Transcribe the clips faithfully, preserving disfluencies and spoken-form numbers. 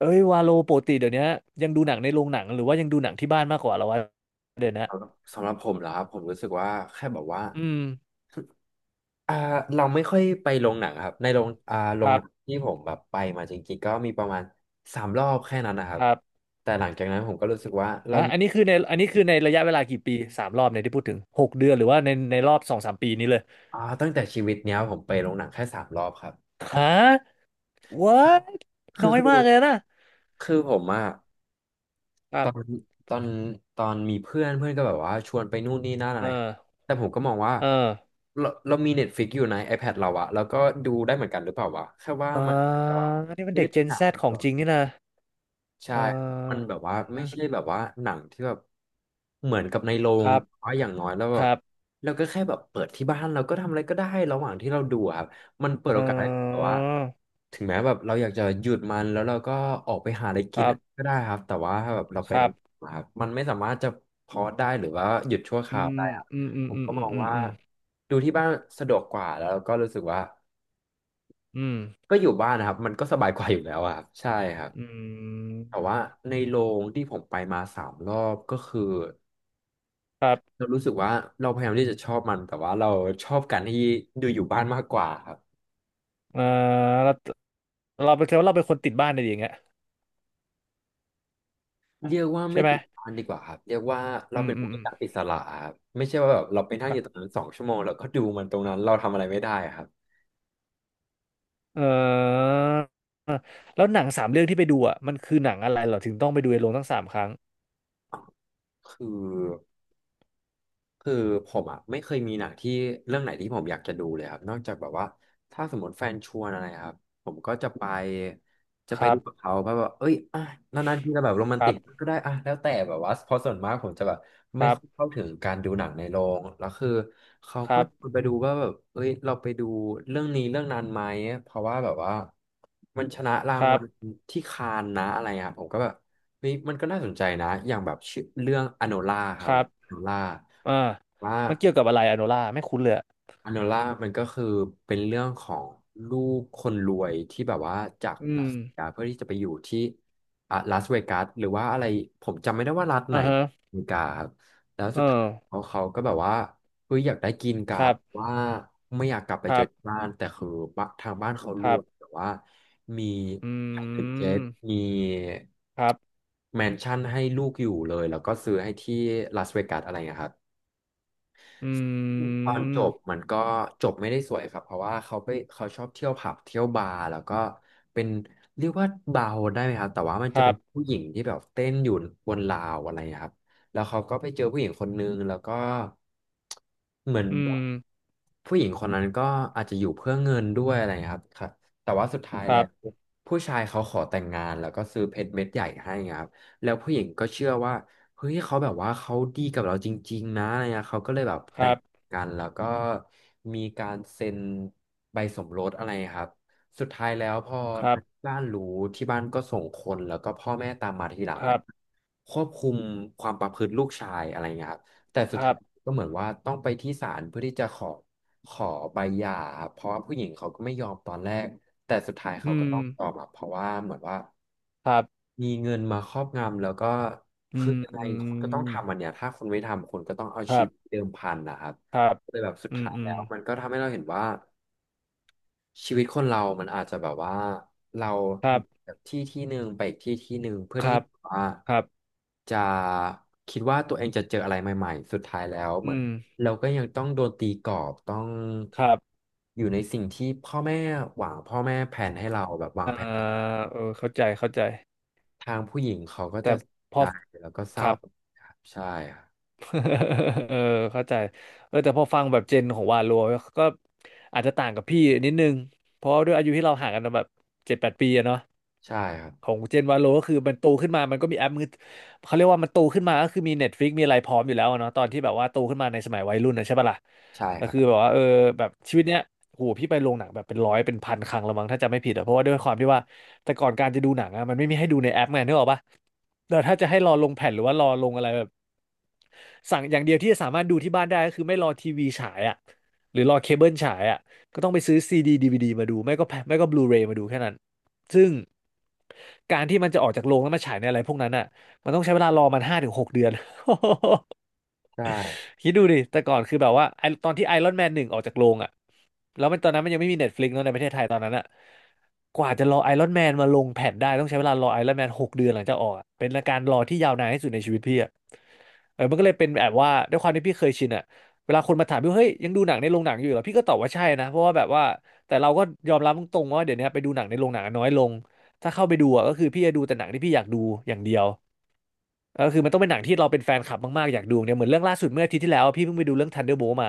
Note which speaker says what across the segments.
Speaker 1: เอ้ยวาโลปกติเดี๋ยวนี้ยังดูหนังในโรงหนังหรือว่ายังดูหนังที่บ้านมากกว่าเหราวะเดี๋ยวนะ
Speaker 2: สำหรับผมเหรอครับผมรู้สึกว่าแค่แบบว่า
Speaker 1: อืม
Speaker 2: อ่าเราไม่ค่อยไปโรงหนังครับในโรงอ่าโร
Speaker 1: ค
Speaker 2: ง
Speaker 1: รั
Speaker 2: หนัง
Speaker 1: บ
Speaker 2: ที่ผมแบบไปมาจริงๆก็มีประมาณสามรอบแค่นั้นนะครั
Speaker 1: ค
Speaker 2: บ
Speaker 1: รับ
Speaker 2: แต่หลังจากนั้นผมก็รู้สึกว่าเรา
Speaker 1: อ่ะอันนี้คือในอันนี้คือในระยะเวลากี่ปีสามรอบเนี่ยที่พูดถึงหกเดือนหรือว่าในในรอบสองสามปีนี้เลย
Speaker 2: อ่าตั้งแต่ชีวิตเนี้ยผมไปโรงหนังแค่สามรอบครับ
Speaker 1: ฮะ what
Speaker 2: คื
Speaker 1: น้
Speaker 2: อ
Speaker 1: อย
Speaker 2: คือ
Speaker 1: มากเลยนะ
Speaker 2: คือผมอะ
Speaker 1: ค
Speaker 2: ต
Speaker 1: รั
Speaker 2: อน
Speaker 1: บ
Speaker 2: ตอนตอนมีเพื่อนเพื่อนก็แบบว่าชวนไปนู่นนี่นั่นอะ
Speaker 1: เอ
Speaker 2: ไร
Speaker 1: อ
Speaker 2: แต่ผมก็มองว่า
Speaker 1: เออ
Speaker 2: เราเรามีเน็ตฟิกอยู่ใน iPad เราอะแล้วก็ดูได้เหมือนกันหรือเปล่าวะแค่ว่า
Speaker 1: อ่า
Speaker 2: มันแบบว่า
Speaker 1: นี่มัน
Speaker 2: ไม่
Speaker 1: เด็
Speaker 2: ได้
Speaker 1: ก
Speaker 2: เป็น
Speaker 1: Gen
Speaker 2: หนั
Speaker 1: Z
Speaker 2: ง
Speaker 1: ของจริงนี่นะ
Speaker 2: ใช่
Speaker 1: เออ
Speaker 2: มันแบบว่าไม่ใช่แบบว่าหนังที่แบบเหมือนกับในโร
Speaker 1: ค
Speaker 2: ง
Speaker 1: รับ
Speaker 2: แต่ว่าอย่างน้อยแล้ว
Speaker 1: ค
Speaker 2: แบบ
Speaker 1: รับ
Speaker 2: เราก็แค่แบบเปิดที่บ้านเราก็ทำอะไรก็ได้ระหว่างที่เราดูอะครับมันเปิด
Speaker 1: เ
Speaker 2: โอกาสให้แบบ
Speaker 1: ออ
Speaker 2: ว่าถึงแม้แบบเราอยากจะหยุดมันแล้วเราก็ออกไปหาอะไร
Speaker 1: ค
Speaker 2: กิน
Speaker 1: รับ
Speaker 2: ก็ได้ครับแต่ว่าถ้าแบบเราไป
Speaker 1: ค
Speaker 2: ใน
Speaker 1: รับ
Speaker 2: ครับมันไม่สามารถจะพอได้หรือว่าหยุดชั่วค
Speaker 1: อื
Speaker 2: ราวได้
Speaker 1: ม
Speaker 2: ครับ
Speaker 1: อืมอื
Speaker 2: ผ
Speaker 1: ม
Speaker 2: ม
Speaker 1: อืม
Speaker 2: ก็
Speaker 1: อื
Speaker 2: ม
Speaker 1: ม
Speaker 2: อง
Speaker 1: อืม
Speaker 2: ว่า
Speaker 1: อืม
Speaker 2: ดูที่บ้านสะดวกกว่าแล้วก็รู้สึกว่า
Speaker 1: อืม
Speaker 2: ก็อยู่บ้านนะครับมันก็สบายกว่าอยู่แล้วอะครับใช่ครับ
Speaker 1: อื
Speaker 2: แต่
Speaker 1: ม
Speaker 2: ว่าในโรงที่ผมไปมาสามรอบก็คือ
Speaker 1: ครับ
Speaker 2: เรารู้สึกว่าเราพยายามที่จะชอบมันแต่ว่าเราชอบการที่ดูอยู่บ้านมากกว่าครับ
Speaker 1: เออเราเราเป็นแค่ว่าเราเป็นคนติดบ้านอะไรอย่างเงี้ย
Speaker 2: เรียกว่า
Speaker 1: ใช่
Speaker 2: ไม่
Speaker 1: ไหม
Speaker 2: ติดบ้านดีกว่าครับเรียกว่าเรา
Speaker 1: อืม
Speaker 2: เป็น
Speaker 1: อืม
Speaker 2: ผู้
Speaker 1: อืม
Speaker 2: จัดอิสระครับไม่ใช่ว่าแบบเราไปนั่งอยู่ตรงนั้นสองชั่วโมงแล้วก็ดูมันตรงนั้นเราทำอะไรไม่ได้ครับ
Speaker 1: เออแล้วหนังสามเรื่องที่ไปดูอ่ะมันคือหนังอะไรเหรอถึงต้องไปดูในโรงตั้งสามครั้ง
Speaker 2: คือ คือผมอ่ะไม่เคยมีหนังที่เรื่องไหนที่ผมอยากจะดูเลยครับนอกจากแบบว่าถ้าสมมติแฟนชวนอะไรครับผมก็จะไปจะ
Speaker 1: ค
Speaker 2: ไป
Speaker 1: รั
Speaker 2: ดู
Speaker 1: บ
Speaker 2: กับเขาแบบว่าเอ้ยอ่ะนานๆทีจะแบบโรแมน
Speaker 1: ครั
Speaker 2: ติก
Speaker 1: บ
Speaker 2: ก็ได้อ่ะแล้วแต่แบบว่าเพราะส่วนมากผมจะแบบ
Speaker 1: ค
Speaker 2: ไม่
Speaker 1: รั
Speaker 2: ค่อย
Speaker 1: บ
Speaker 2: เข้าถึงการดูหนังในโรงแล้วคือเขา
Speaker 1: ค
Speaker 2: ก็
Speaker 1: รั
Speaker 2: ชวน
Speaker 1: บ
Speaker 2: ไปดูว่าแบบเอ้ยเราไปดูเรื่องนี้เรื่องนั้นไหมเพราะว่าแบบว่ามันชนะรา
Speaker 1: ค
Speaker 2: ง
Speaker 1: รั
Speaker 2: วั
Speaker 1: บ
Speaker 2: ลที่คานนะอะไรอ่ะผมก็แบบ เฮ้ยมันก็น่าสนใจนะอย่างแบบชื่อเรื่องอโนล่าค
Speaker 1: ค
Speaker 2: รับ
Speaker 1: รั
Speaker 2: อ
Speaker 1: บ
Speaker 2: โนล่า
Speaker 1: อ่า
Speaker 2: ว่า
Speaker 1: มันเกี่ยวกับอะไรอะโนล่าไม่คุ้นเลยอะ
Speaker 2: อันโนล่ามันก็คือเป็นเรื่องของลูกคนรวยที่แบบว่าจาก
Speaker 1: อื
Speaker 2: ลา
Speaker 1: ม
Speaker 2: สเวกัสเพื่อที่จะไปอยู่ที่อ่ะลาสเวกัสหรือว่าอะไรผมจำไม่ได้ว่ารัฐไหน
Speaker 1: อ่าฮะ
Speaker 2: อเมริกาครับแล้ว
Speaker 1: เอ
Speaker 2: สุดท้าย
Speaker 1: อ
Speaker 2: เขาเขาก็แบบว่าเฮ้ยอยากได้กิน
Speaker 1: ค
Speaker 2: การ์
Speaker 1: รั
Speaker 2: ด
Speaker 1: บ
Speaker 2: ว่าไม่อยากกลับไป
Speaker 1: ค
Speaker 2: เจ
Speaker 1: รั
Speaker 2: อที่
Speaker 1: บ
Speaker 2: บ้านแต่คือบ้านทางบ้านเขา
Speaker 1: ค
Speaker 2: ร
Speaker 1: รั
Speaker 2: ว
Speaker 1: บ
Speaker 2: ยแต่ว่ามี
Speaker 1: อื
Speaker 2: ไฮเทคเจ็ต
Speaker 1: ม
Speaker 2: มี
Speaker 1: ครับ
Speaker 2: แมนชั่นให้ลูกอยู่เลยแล้วก็ซื้อให้ที่ลาสเวกัสอะไรอย่างเงี้ยครับ
Speaker 1: อื
Speaker 2: ตอนจบ
Speaker 1: ม
Speaker 2: มันก็จบไม่ได้สวยครับเพราะว่าเขาไปเขาชอบเที่ยวผับเที่ยวบาร์แล้วก็เป็นเรียกว่าบาร์โฮสได้ไหมครับแต่ว่ามัน
Speaker 1: ค
Speaker 2: จะ
Speaker 1: รั
Speaker 2: เป็น
Speaker 1: บ
Speaker 2: ผู้หญิงที่แบบเต้นอยู่บนราวอะไรครับแล้วเขาก็ไปเจอผู้หญิงคนนึงแล้วก็เหมือน
Speaker 1: อื
Speaker 2: แบบ
Speaker 1: ม
Speaker 2: ผู้หญิงคนนั้นก็อาจจะอยู่เพื่อเงินด้วยอะไรครับครับแต่ว่าสุดท้าย
Speaker 1: ค
Speaker 2: แล้
Speaker 1: รั
Speaker 2: ว
Speaker 1: บ
Speaker 2: ผู้ชายเขาขอแต่งงานแล้วก็ซื้อเพชรเม็ดใหญ่ให้ครับแล้วผู้หญิงก็เชื่อว่า เฮ้ยเขาแบบว่าเขาดีกับเราจริงๆนะอะไรเงี้ยเขาก็เลยแบบ
Speaker 1: ค
Speaker 2: แต่
Speaker 1: รั
Speaker 2: ง
Speaker 1: บ
Speaker 2: กันแล้วก็มีการเซ็นใบสมรสอะไรครับสุดท้ายแล้วพอ
Speaker 1: ครั
Speaker 2: ทาง
Speaker 1: บ
Speaker 2: บ้านรู้ที่บ้านก็ส่งคนแล้วก็พ่อแม่ตามมาทีหลั
Speaker 1: ครับ
Speaker 2: ง
Speaker 1: ครั
Speaker 2: อะ
Speaker 1: บ
Speaker 2: ควบคุมความประพฤติลูกชายอะไรเงี้ยครับแต่สุ
Speaker 1: ค
Speaker 2: ด
Speaker 1: รั
Speaker 2: ท้าย
Speaker 1: บ
Speaker 2: ก็เหมือนว่าต้องไปที่ศาลเพื่อที่จะขอขอใบหย่าครับเพราะว่าผู้หญิงเขาก็ไม่ยอมตอนแรกแต่สุดท้าย
Speaker 1: อื
Speaker 2: เขาก็
Speaker 1: ม
Speaker 2: ต้องยอมอะเพราะว่าเหมือนว่า
Speaker 1: ครับ
Speaker 2: มีเงินมาครอบงำแล้วก็
Speaker 1: อื
Speaker 2: คือ
Speaker 1: ม
Speaker 2: อะไร
Speaker 1: อื
Speaker 2: คุณก็ต้อง
Speaker 1: ม
Speaker 2: ทำอันเนี้ยถ้าคุณไม่ทำคุณก็ต้องเอา
Speaker 1: ค
Speaker 2: ชี
Speaker 1: รั
Speaker 2: วิต
Speaker 1: บ
Speaker 2: เดิมพันนะครับ
Speaker 1: ครับ
Speaker 2: เลยแบบสุด
Speaker 1: อืม
Speaker 2: ท้าย
Speaker 1: อื
Speaker 2: แล้
Speaker 1: ม
Speaker 2: วมันก็ทำให้เราเห็นว่าชีวิตคนเรามันอาจจะแบบว่าเรา
Speaker 1: ครับ
Speaker 2: จากที่ที่หนึ่งไปอีกที่ที่หนึ่งเพื่อ
Speaker 1: ค
Speaker 2: ที่
Speaker 1: รับ
Speaker 2: ว่า
Speaker 1: ครับ
Speaker 2: จะคิดว่าตัวเองจะเจออะไรใหม่ๆสุดท้ายแล้วเหมือ
Speaker 1: อื
Speaker 2: น
Speaker 1: ม
Speaker 2: เราก็ยังต้องโดนตีกรอบต้อง
Speaker 1: ครับ
Speaker 2: อยู่ในสิ่งที่พ่อแม่หวังพ่อแม่แผนให้เราแบบวาง
Speaker 1: อ่า
Speaker 2: แผน
Speaker 1: เออเข้าใจเข้าใจ
Speaker 2: ทางผู้หญิงเขาก็จะ
Speaker 1: แต่พ
Speaker 2: ใจ
Speaker 1: อ
Speaker 2: แล้วก็เศ
Speaker 1: ค
Speaker 2: ร้า
Speaker 1: รับ
Speaker 2: ครับใช่ครับ
Speaker 1: เออ เข้าใจเออแต่พอฟังแบบเจนของวาโลก็อาจจะต่างกับพี่นิดนึง เพราะว่าด้วยอายุที่เราห่างกันแบบเจ็ดแปดปีอะเนาะ
Speaker 2: ใช่ครับ
Speaker 1: ของเจนวาโลก็คือมันโตขึ้นมามันก็มีแอปมือเขาเรียกว่ามันโตขึ้นมาก็คือมี Netflix มีอะไรพร้อมอยู่แล้วอะเนาะตอนที่แบบว่าโตขึ้นมาในสมัยวัยรุ่นนะใช่ปะล่ะ
Speaker 2: ใช่
Speaker 1: แต่
Speaker 2: ครั
Speaker 1: คือ
Speaker 2: บ
Speaker 1: แบบว่าเออแบบชีวิตเนี้ยโหพี่ไปโรงหนังแบบเป็นร้อยเป็นพันครั้งและมั้งถ้าจำไม่ผิดอะเพราะว่าด้วยความที่ว่าแต่ก่อนการจะดูหนังอะมันไม่มีให้ดูในแอปไงนึกออกปะแต่ถ้าจะให้รอลงแผ่นหรือว่ารอลงอะไรแบบสั่งอย่างเดียวที่จะสามารถดูที่บ้านได้ก็คือไม่รอทีวีฉายอะหรือรอเคเบิลฉายอะก็ต้องไปซื้อซีดีดีวีดีมาดูไม่ก็แผ่นไม่ก็บลูเรย์มาดูแค่นั้น ซึ่งการที่มันจะออกจากโรงแล้วมาฉายในอะไรพวกนั้นอ่ะมันต้องใช้เวลารอมันห้าถึงหกเดือน
Speaker 2: ใช่
Speaker 1: คิดดูดิแต่ก่อนคือแบบว่าไอตอนที่ไอรอนแมนหนึ่งออกจากโรงอ่ะแล้วมันตอนนั้นมันยังไม่มีเน็ตฟลิกซ์เนอะในประเทศไทยตอนนั้นอ่ะกว่าจะรอไอรอนแมนมาลงแผ่นได้ต้องใช้เวลารอไอรอนแมนหกเดือนหลังจากออกอะเป็นการรอที่ยาวนานที่สุดในชีวิตพี่อะ เออมันก็เลยเป็นแบบว่าด้วยความที่พี่เคยชินอะเวลาคนมาถามพี่ว่าเฮ้ยยังดูหนังในโรงหนังอยู่เหรอพี่ก็ตอบว่าใช่นะเพราะว่าแบบว่าแต่เราก็ยอมรับตรงๆว่าเดี๋ยวนี้ไปดูหนังในโรงหนังน้อยลง ถ้าเข้าไปดูอะก็คือพี่จะดูแต่หนังที่พี่อยากดูอย่างเดียวก็คือมันต้องเป็นหนังที่เราเป็นแฟนคลับมากๆอยากดูเนี่ยเหมือนเรื่องล่าสุดเมื่ออาทิตย์ที่แล้วอะพี่เพิ่งไปดูเรื่อง Thunderbolt มา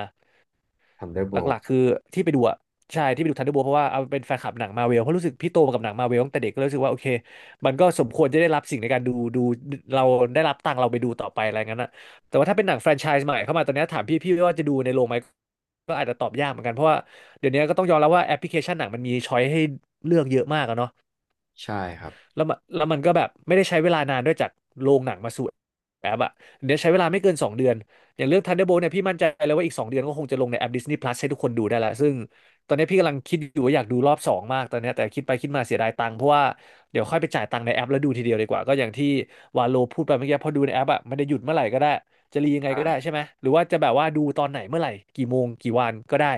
Speaker 1: หลั
Speaker 2: Thunderbolt
Speaker 1: กๆคือที่ไปดูอะใช่ที่ไปดูทันเดอร์โบเพราะว่าเอาเป็นแฟนคลับหนังมาเวลเพราะรู้สึกพี่โตมากับหนังมาเวลตั้งแต่เด็กก็เลยรู้สึกว่าโอเคมันก็สมควรจะได้รับสิ่งในการดูดูเราได้รับตังค์เราไปดูต่อไปอะไรงั้นอะแต่ว่าถ้าเป็นหนังแฟรนไชส์ใหม่เข้ามาตอนนี้ถามพี่พี่ว่าจะดูในโรงไหมก็อาจจะตอบยากเหมือนกันเพราะว่าเดี๋ยวนี้ก็ต้องยอมรับว่าแอปพลิเคชันหนังมันมีช้อยให้เลือกเยอะมากอะเนาะ
Speaker 2: ใช่ครับ
Speaker 1: แล้วมันแล้วมันก็แบบไม่ได้ใช้เวลานานด้วยจากโรงหนังมาสู่แอปอะเดี๋ยวใช้เวลาไม่เกินสองเดือน อย่างเรื่อง Thunderbolt เนี่ยพี่มั่นใจเลยว่าอีกสองเดือนก็คงจะลงในแอป Disney Plus ให้ทุกคนดูได้ละซึ่งตอนนี้พี่กำลังคิดอยู่ว่าอยากดูรอบสองมากตอนนี้แต่คิดไปคิดมาเสียดายตังค์เพราะว่าเดี๋ยวค่อยไปจ่ายตังค์ในแอปแล้วดูทีเดียวดีกว่าก็อย่างที่วาโลพูดไปเมื่อกี้พอดูในแอปอะมันจะหยุดเมื่อไหร่ก็ได้จะรียังไงก็ได้ใช่ไหมหรือว่าจะแบบว่าดูตอนไหนเมื่อไหร่กี่โมงกี่วันก็ได้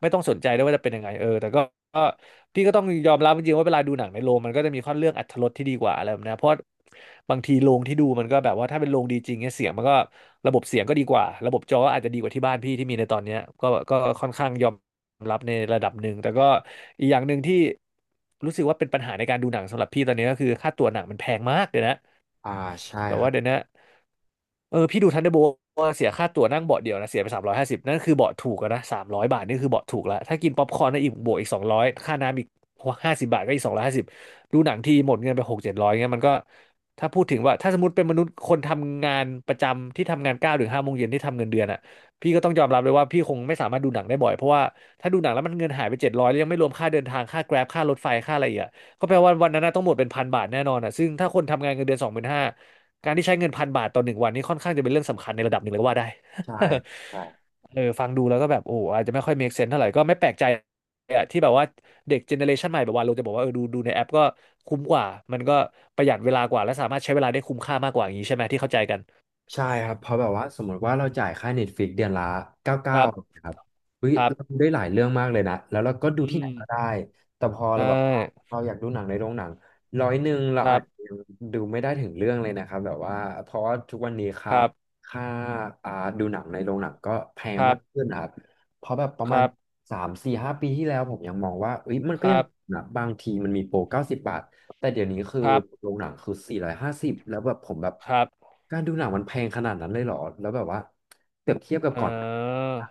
Speaker 1: ไม่ต้องสนใจด้วยว่าจะเป็นยังไงเออแต่ก็ก็ พี่ก็ต้องยอมรับจริงๆว่าเวลาดูหนังในโรงมันก็จะมีข้อเรื่องอรรถรสที่ดีกว่าอะไรแบบเนี้ยเพราะบางทีโรงที่ดูมันก็แบบว่าถ้าเป็นโรงดีจริงเนี่ยเสียงมันก็ระบบเสียงก็ดีกว่าระบบจอก็อาจจะดีกว่าที่บ้านพี่ที่มีในตอนเนี้ยก็ก็ค่อนข้างยอมรับในระดับหนึ่งแต่ก็อีกอย่างหนึ่งที่รู้สึกว่าเป็นปัญหาในการดูหนังสำหรับพี่ตอนนี้ก็คือค่าตั๋วหนังมันแพงมากเลยนะ
Speaker 2: อ่าใช่
Speaker 1: แบบ
Speaker 2: ครั
Speaker 1: ว่า
Speaker 2: บ
Speaker 1: เดี๋ยวนะเออพี่ดูทันเดอร์โบว่าเสียค่าตั๋วนั่งเบาะเดียวนะเสียไปสามร้อยห้าสิบนั่นคือเบาะถูกแล้วนะสามร้อยบาทนี่คือเบาะถูกแล้ว ถ้ากินป๊อปคอร์นนะอีกบวกอีกสองร้อยค่าน้ำอีกห้าสิบบาทก็อีกสองร้อยห้าสิบดูหนังทีหมดเงินไปหกเจ็ดร้อยเงี้ยมันก็ถ้าพูดถึงว่าถ้าสมมติเป็นมนุษย์คนทำงานประจำที่ทำงานเก้าโมงถึงห้าโมงเย็นที่ทำเงินเดือนอ่ะพี่ก็ต้องยอมรับเลยว่าพี่คงไม่สามารถดูหนังได้บ่อยเพราะว่าถ้าดูหนังแล้วมันเงินหายไปเจ็ดร้อยแล้วยังไม่รวมค่าเดินทางค่าแกร็บค่ารถไฟค่าอะไรอีกอะก็แปลว่าวันนั้นน่ะต้องหมดเป็นพันบาทแน่นอนอ่ะซึ่งถ้าคนทำงานเงินเดือนสองหมื่นห้า การที่ใช้เงินพันบาทต่อหนึ่งวันนี่ค่อนข้างจะเป็นเรื่องสำคัญในระดับหนึ่งเลยก็ว่าได้
Speaker 2: ใช่ใช่
Speaker 1: เออฟังดูแล้วก็แบบโอ้อาจจะไม่ค่อย make sense เท่าไหร่ก็ไม่แปลกใจอะที่แบบว่าเด็กเจเนอเรชันใหม่แบบว่าเราจะบอกว่าเออดูดูในแอปก็คุ้มกว่ามันก็ประหยัดเวลากว่าและสามารถใช้เวลาได้คุ้มค่ามากกว่าอย่างนี้ใช่ไหมที่เข้าใจกัน
Speaker 2: ใช่ครับเพราะแบบว่าสมมติว่าเราจ่ายค่า Netflix เดือนละเก
Speaker 1: ค
Speaker 2: ้า
Speaker 1: รับ
Speaker 2: สิบเก้าครับเฮ้ย
Speaker 1: ครั
Speaker 2: เรา
Speaker 1: บ
Speaker 2: ดูได้หลายเรื่องมากเลยนะแล้วเราก็ดู
Speaker 1: อื
Speaker 2: ที่ไหน
Speaker 1: ม
Speaker 2: ก็ได้แต่พอ
Speaker 1: ใช
Speaker 2: เราแบบว่า
Speaker 1: ่
Speaker 2: เราอยากดูหนังในโรงหนังร้อยหนึ่งเรา
Speaker 1: ครั
Speaker 2: อาจจะ
Speaker 1: บ
Speaker 2: ยังดูไม่ได้ถึงเรื่องเลยนะครับแบบว่าเพราะว่าทุกวันนี้
Speaker 1: ค
Speaker 2: ค่า
Speaker 1: รับ
Speaker 2: ค่าอ่าดูหนังในโรงหนังก็แพง
Speaker 1: ครั
Speaker 2: มา
Speaker 1: บ
Speaker 2: กขึ้นนะครับเพราะแบบประ
Speaker 1: ค
Speaker 2: มาณ
Speaker 1: รับ
Speaker 2: สามสี่ห้าปีที่แล้วผมยังมองว่าเอ้ยมัน
Speaker 1: ค
Speaker 2: ก็ยั
Speaker 1: รั
Speaker 2: ง
Speaker 1: บ
Speaker 2: นะบางทีมันมีโปรเก้าสิบบาท แต่เดี๋ยวนี้คือ
Speaker 1: ครับ
Speaker 2: โรงหนังคือสี่ร้อยห้าสิบแล้วแบบผมแบบ
Speaker 1: ครับ
Speaker 2: การดูหนังมันแพงขนาดนั้นเลยเหรอแล้วแบบว่าเปรียบเทียบกับ
Speaker 1: เอ
Speaker 2: ก่อน
Speaker 1: อ
Speaker 2: อะ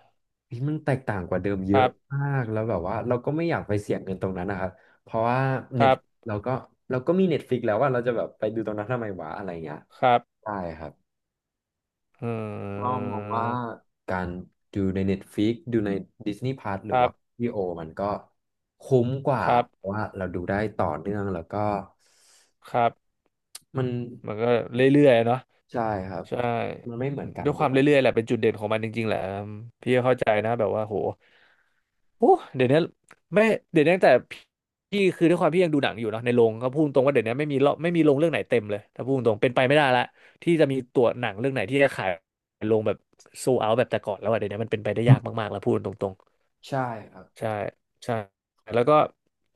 Speaker 2: เฮ้ยมันแตกต่างกว่าเดิมเย
Speaker 1: ค
Speaker 2: อะ
Speaker 1: รับ
Speaker 2: มากแล้วแบบว่าเราก็ไม่อยากไปเสี่ยงเงินตรงนั้นนะครับเพราะว่า
Speaker 1: ค
Speaker 2: เน็ต
Speaker 1: รับ
Speaker 2: เราก็เราก็มีเน็ตฟิกแล้วว่าเราจะแบบไปดูตรงนั้นทำไมวะอะไรเงี้ย
Speaker 1: ครับ
Speaker 2: ใช่ครับ
Speaker 1: เอ
Speaker 2: ก็
Speaker 1: อ
Speaker 2: มองว่าการดูใน Netflix ดูใน Disney Plus หรื
Speaker 1: ค
Speaker 2: อ
Speaker 1: รั
Speaker 2: ว่า
Speaker 1: บ
Speaker 2: วิโอมันก็คุ้มกว่า
Speaker 1: ครั
Speaker 2: เพราะ
Speaker 1: บ
Speaker 2: ว่าเราดูได้ต่อเนื่องแล้วก็
Speaker 1: ครับ
Speaker 2: มัน
Speaker 1: มันก็เรื่อยๆเนาะ
Speaker 2: ใช่ครับ
Speaker 1: ใช่
Speaker 2: มันไม่เหมือนกัน
Speaker 1: ด้วยค
Speaker 2: ด้ว
Speaker 1: วาม
Speaker 2: ย
Speaker 1: เรื่อยๆแหละเป็นจุดเด่นของมันจริงๆแหละอืมพี่ก็เข้าใจนะแบบว่าโหโอ้เดี๋ยวนี้ไม่เดี๋ยวนี้ตั้งแต่พี่คือด้วยความพี่ยังดูหนังอยู่เนาะในโรงก็พูดตรงว่าเดี๋ยวนี้ไม่มีรอบไม่มีโรงเรื่องไหนเต็มเลยถ้าพูดตรงเป็นไปไม่ได้ละที่จะมีตัวหนังเรื่องไหนที่จะขายโรงแบบโซเอาแบบแต่ก่อนแล้วอะเดี๋ยวนี้มันเป็นไปได้ยากมากๆแล้วพูดตรง
Speaker 2: ใช่ครับ
Speaker 1: ใช่ใช่แล้วก็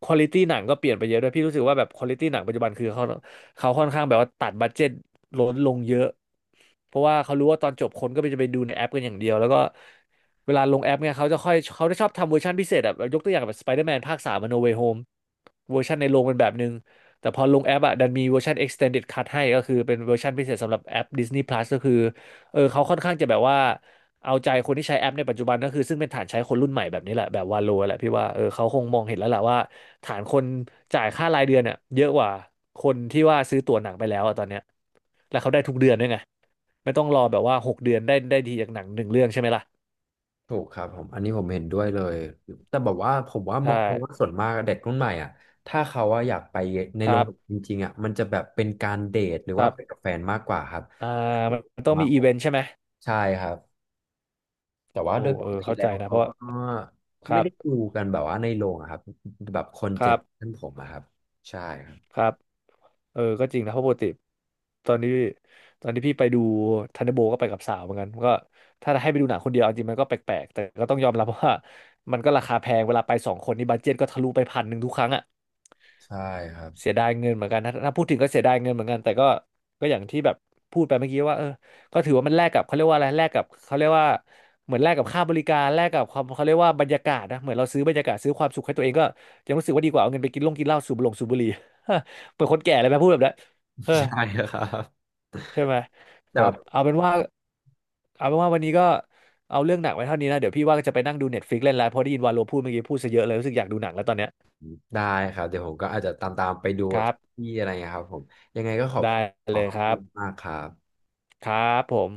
Speaker 1: ควอลิตี้หนังก็เปลี่ยนไปเยอะด้วยพี่รู้สึกว่าแบบควอลิตี้หนังปัจจุบันคือเขาเขาค่อนข้างแบบว่าตัดบัดเจ็ตลดลงเยอะเพราะว่าเขารู้ว่าตอนจบคนก็ไปจะไปดูในแอปกันอย่างเดียวแล้วก็เวลาลงแอปเนี่ยเขาจะค่อยเขาจะชอบทำเวอร์ชันพิเศษอะแบบยกตัวอย่างแบบสไปเดอร์แมนภาคสามโนเวโฮมเวอร์ชันในโรงเป็นแบบนึงแต่พอลงแอปอะดันมีเวอร์ชัน extended cut ให้ก็คือเป็นเวอร์ชันพิเศษสำหรับแอป ดิสนีย์พลัส ก็คือเออเขาค่อนข้างจะแบบว่า เอาใจคนที่ใช้แอปในปัจจุบันก็คือซึ่งเป็นฐานใช้คนรุ่นใหม่แบบนี้แหละแบบวาโลแหละพี่ว่าเออเขาคงมองเห็นแล้วแหละว่าฐานคนจ่ายค่ารายเดือนเนี่ยเยอะกว่าคนที่ว่าซื้อตั๋วหนังไปแล้วอะตอนเนี้ยแล้วเขาได้ทุกเดือนด้วยไงไม่ต้องรอแบบว่าหกเดือนได้ได้ทีจากหนังหนึ่งเรื่องใช่ไหมล่ะ
Speaker 2: ถูกครับผมอันนี้ผมเห็นด้วยเลยแต่แบบว่าผมว่าม
Speaker 1: ใช่
Speaker 2: องมองว่าส่วนมากเด็กรุ่นใหม่อ่ะถ้าเขาว่าอะอยากไปใน
Speaker 1: ค
Speaker 2: โร
Speaker 1: รั
Speaker 2: งจ
Speaker 1: บ
Speaker 2: ริงๆอ่ะมันจะแบบเป็นการเดทหรือ
Speaker 1: ค
Speaker 2: ว่า
Speaker 1: รั
Speaker 2: ไปกั
Speaker 1: บ
Speaker 2: บแฟนมากกว่าครับ
Speaker 1: อ่ามันต้อง
Speaker 2: มา
Speaker 1: มี
Speaker 2: ก
Speaker 1: อี
Speaker 2: ก
Speaker 1: เว
Speaker 2: ว่า
Speaker 1: นต์ใช่ไหม
Speaker 2: ใช่ครับแต่ว่า
Speaker 1: โอ้
Speaker 2: โดยป
Speaker 1: เออ
Speaker 2: กติ
Speaker 1: เข้า
Speaker 2: แล้
Speaker 1: ใจ
Speaker 2: ว
Speaker 1: นะเพ
Speaker 2: เขา
Speaker 1: ราะ
Speaker 2: ก็
Speaker 1: ค
Speaker 2: ไม่
Speaker 1: รั
Speaker 2: ได้ดู
Speaker 1: บ
Speaker 2: กันแบบว่าในโรงอะครับแบบคน
Speaker 1: ค
Speaker 2: เจ
Speaker 1: รั
Speaker 2: นท่า
Speaker 1: บ
Speaker 2: นผมอะครับใช่ครับ
Speaker 1: ครับ เออก็จริงนะ เพราะปกติตอนนี้ตอนที่พี่ไปดูทันเดอร์โบก็ไปกับสาวเหมือนกันก็ถ้าให้ไปดูหนังคนเดียวเอาจริงมันก็แปลกๆ แต่ก็ต้องยอมรับว่ามันก็ราคาแพงเวลาไปสองคนนี่บัดเจ็ตก็ทะลุไปพันหนึ่งทุกครั้งอ่ะ
Speaker 2: ใช่ครับ
Speaker 1: เสียดายเงินเหมือนกันนะถ้าพูดถึงก็เสียดายเงินเหมือนกันแต่ก็ก็อย่างที่แบบพูดไปเมื่อกี้ว่าเออก็ถือว่ามันแลกกับเขาเรียกว่าอะไรแลกกับเขาเรียกว่าเหมือนแลกกับค่าบริการแลกกับความเขาเรียกว่าบรรยากาศนะเหมือนเราซื้อบรรยากาศซื้อความสุขให้ตัวเองก็ยังรู้สึกว่าดีกว่าเอาเงินไปกินลงกินเหล้าสูบลงสูบบุหรี่ เปิดคนแก่เลยไหมพูดแบบนั้นเออ
Speaker 2: ใช่ครับ
Speaker 1: ใช่ไหมค
Speaker 2: แต่
Speaker 1: รั
Speaker 2: แบ
Speaker 1: บ
Speaker 2: บ
Speaker 1: เอาเป็นว่าเอาเป็นว่าวันนี้ก็เอาเรื่องหนักไว้เท่านี้นะเดี๋ยวพี่ว่าจะไปนั่งดูเน็ตฟลิกเล่นแล้วเพราะได้ยินวาโลพูดเมื่อกี้พูดซะเยอะเลยรู้สึกอยากดูหนังแล้วตอนเนี้ย
Speaker 2: ได้ครับเดี๋ยวผมก็อาจจะตามๆไปดู
Speaker 1: ค
Speaker 2: แบบ
Speaker 1: รับ
Speaker 2: ที่อะไรเงี้ยครับผมยังไงก็ขอบ
Speaker 1: ได้
Speaker 2: ขอ
Speaker 1: เลย
Speaker 2: ขอบ
Speaker 1: ค
Speaker 2: คุ
Speaker 1: รับ
Speaker 2: ณมากครับ
Speaker 1: ครับผม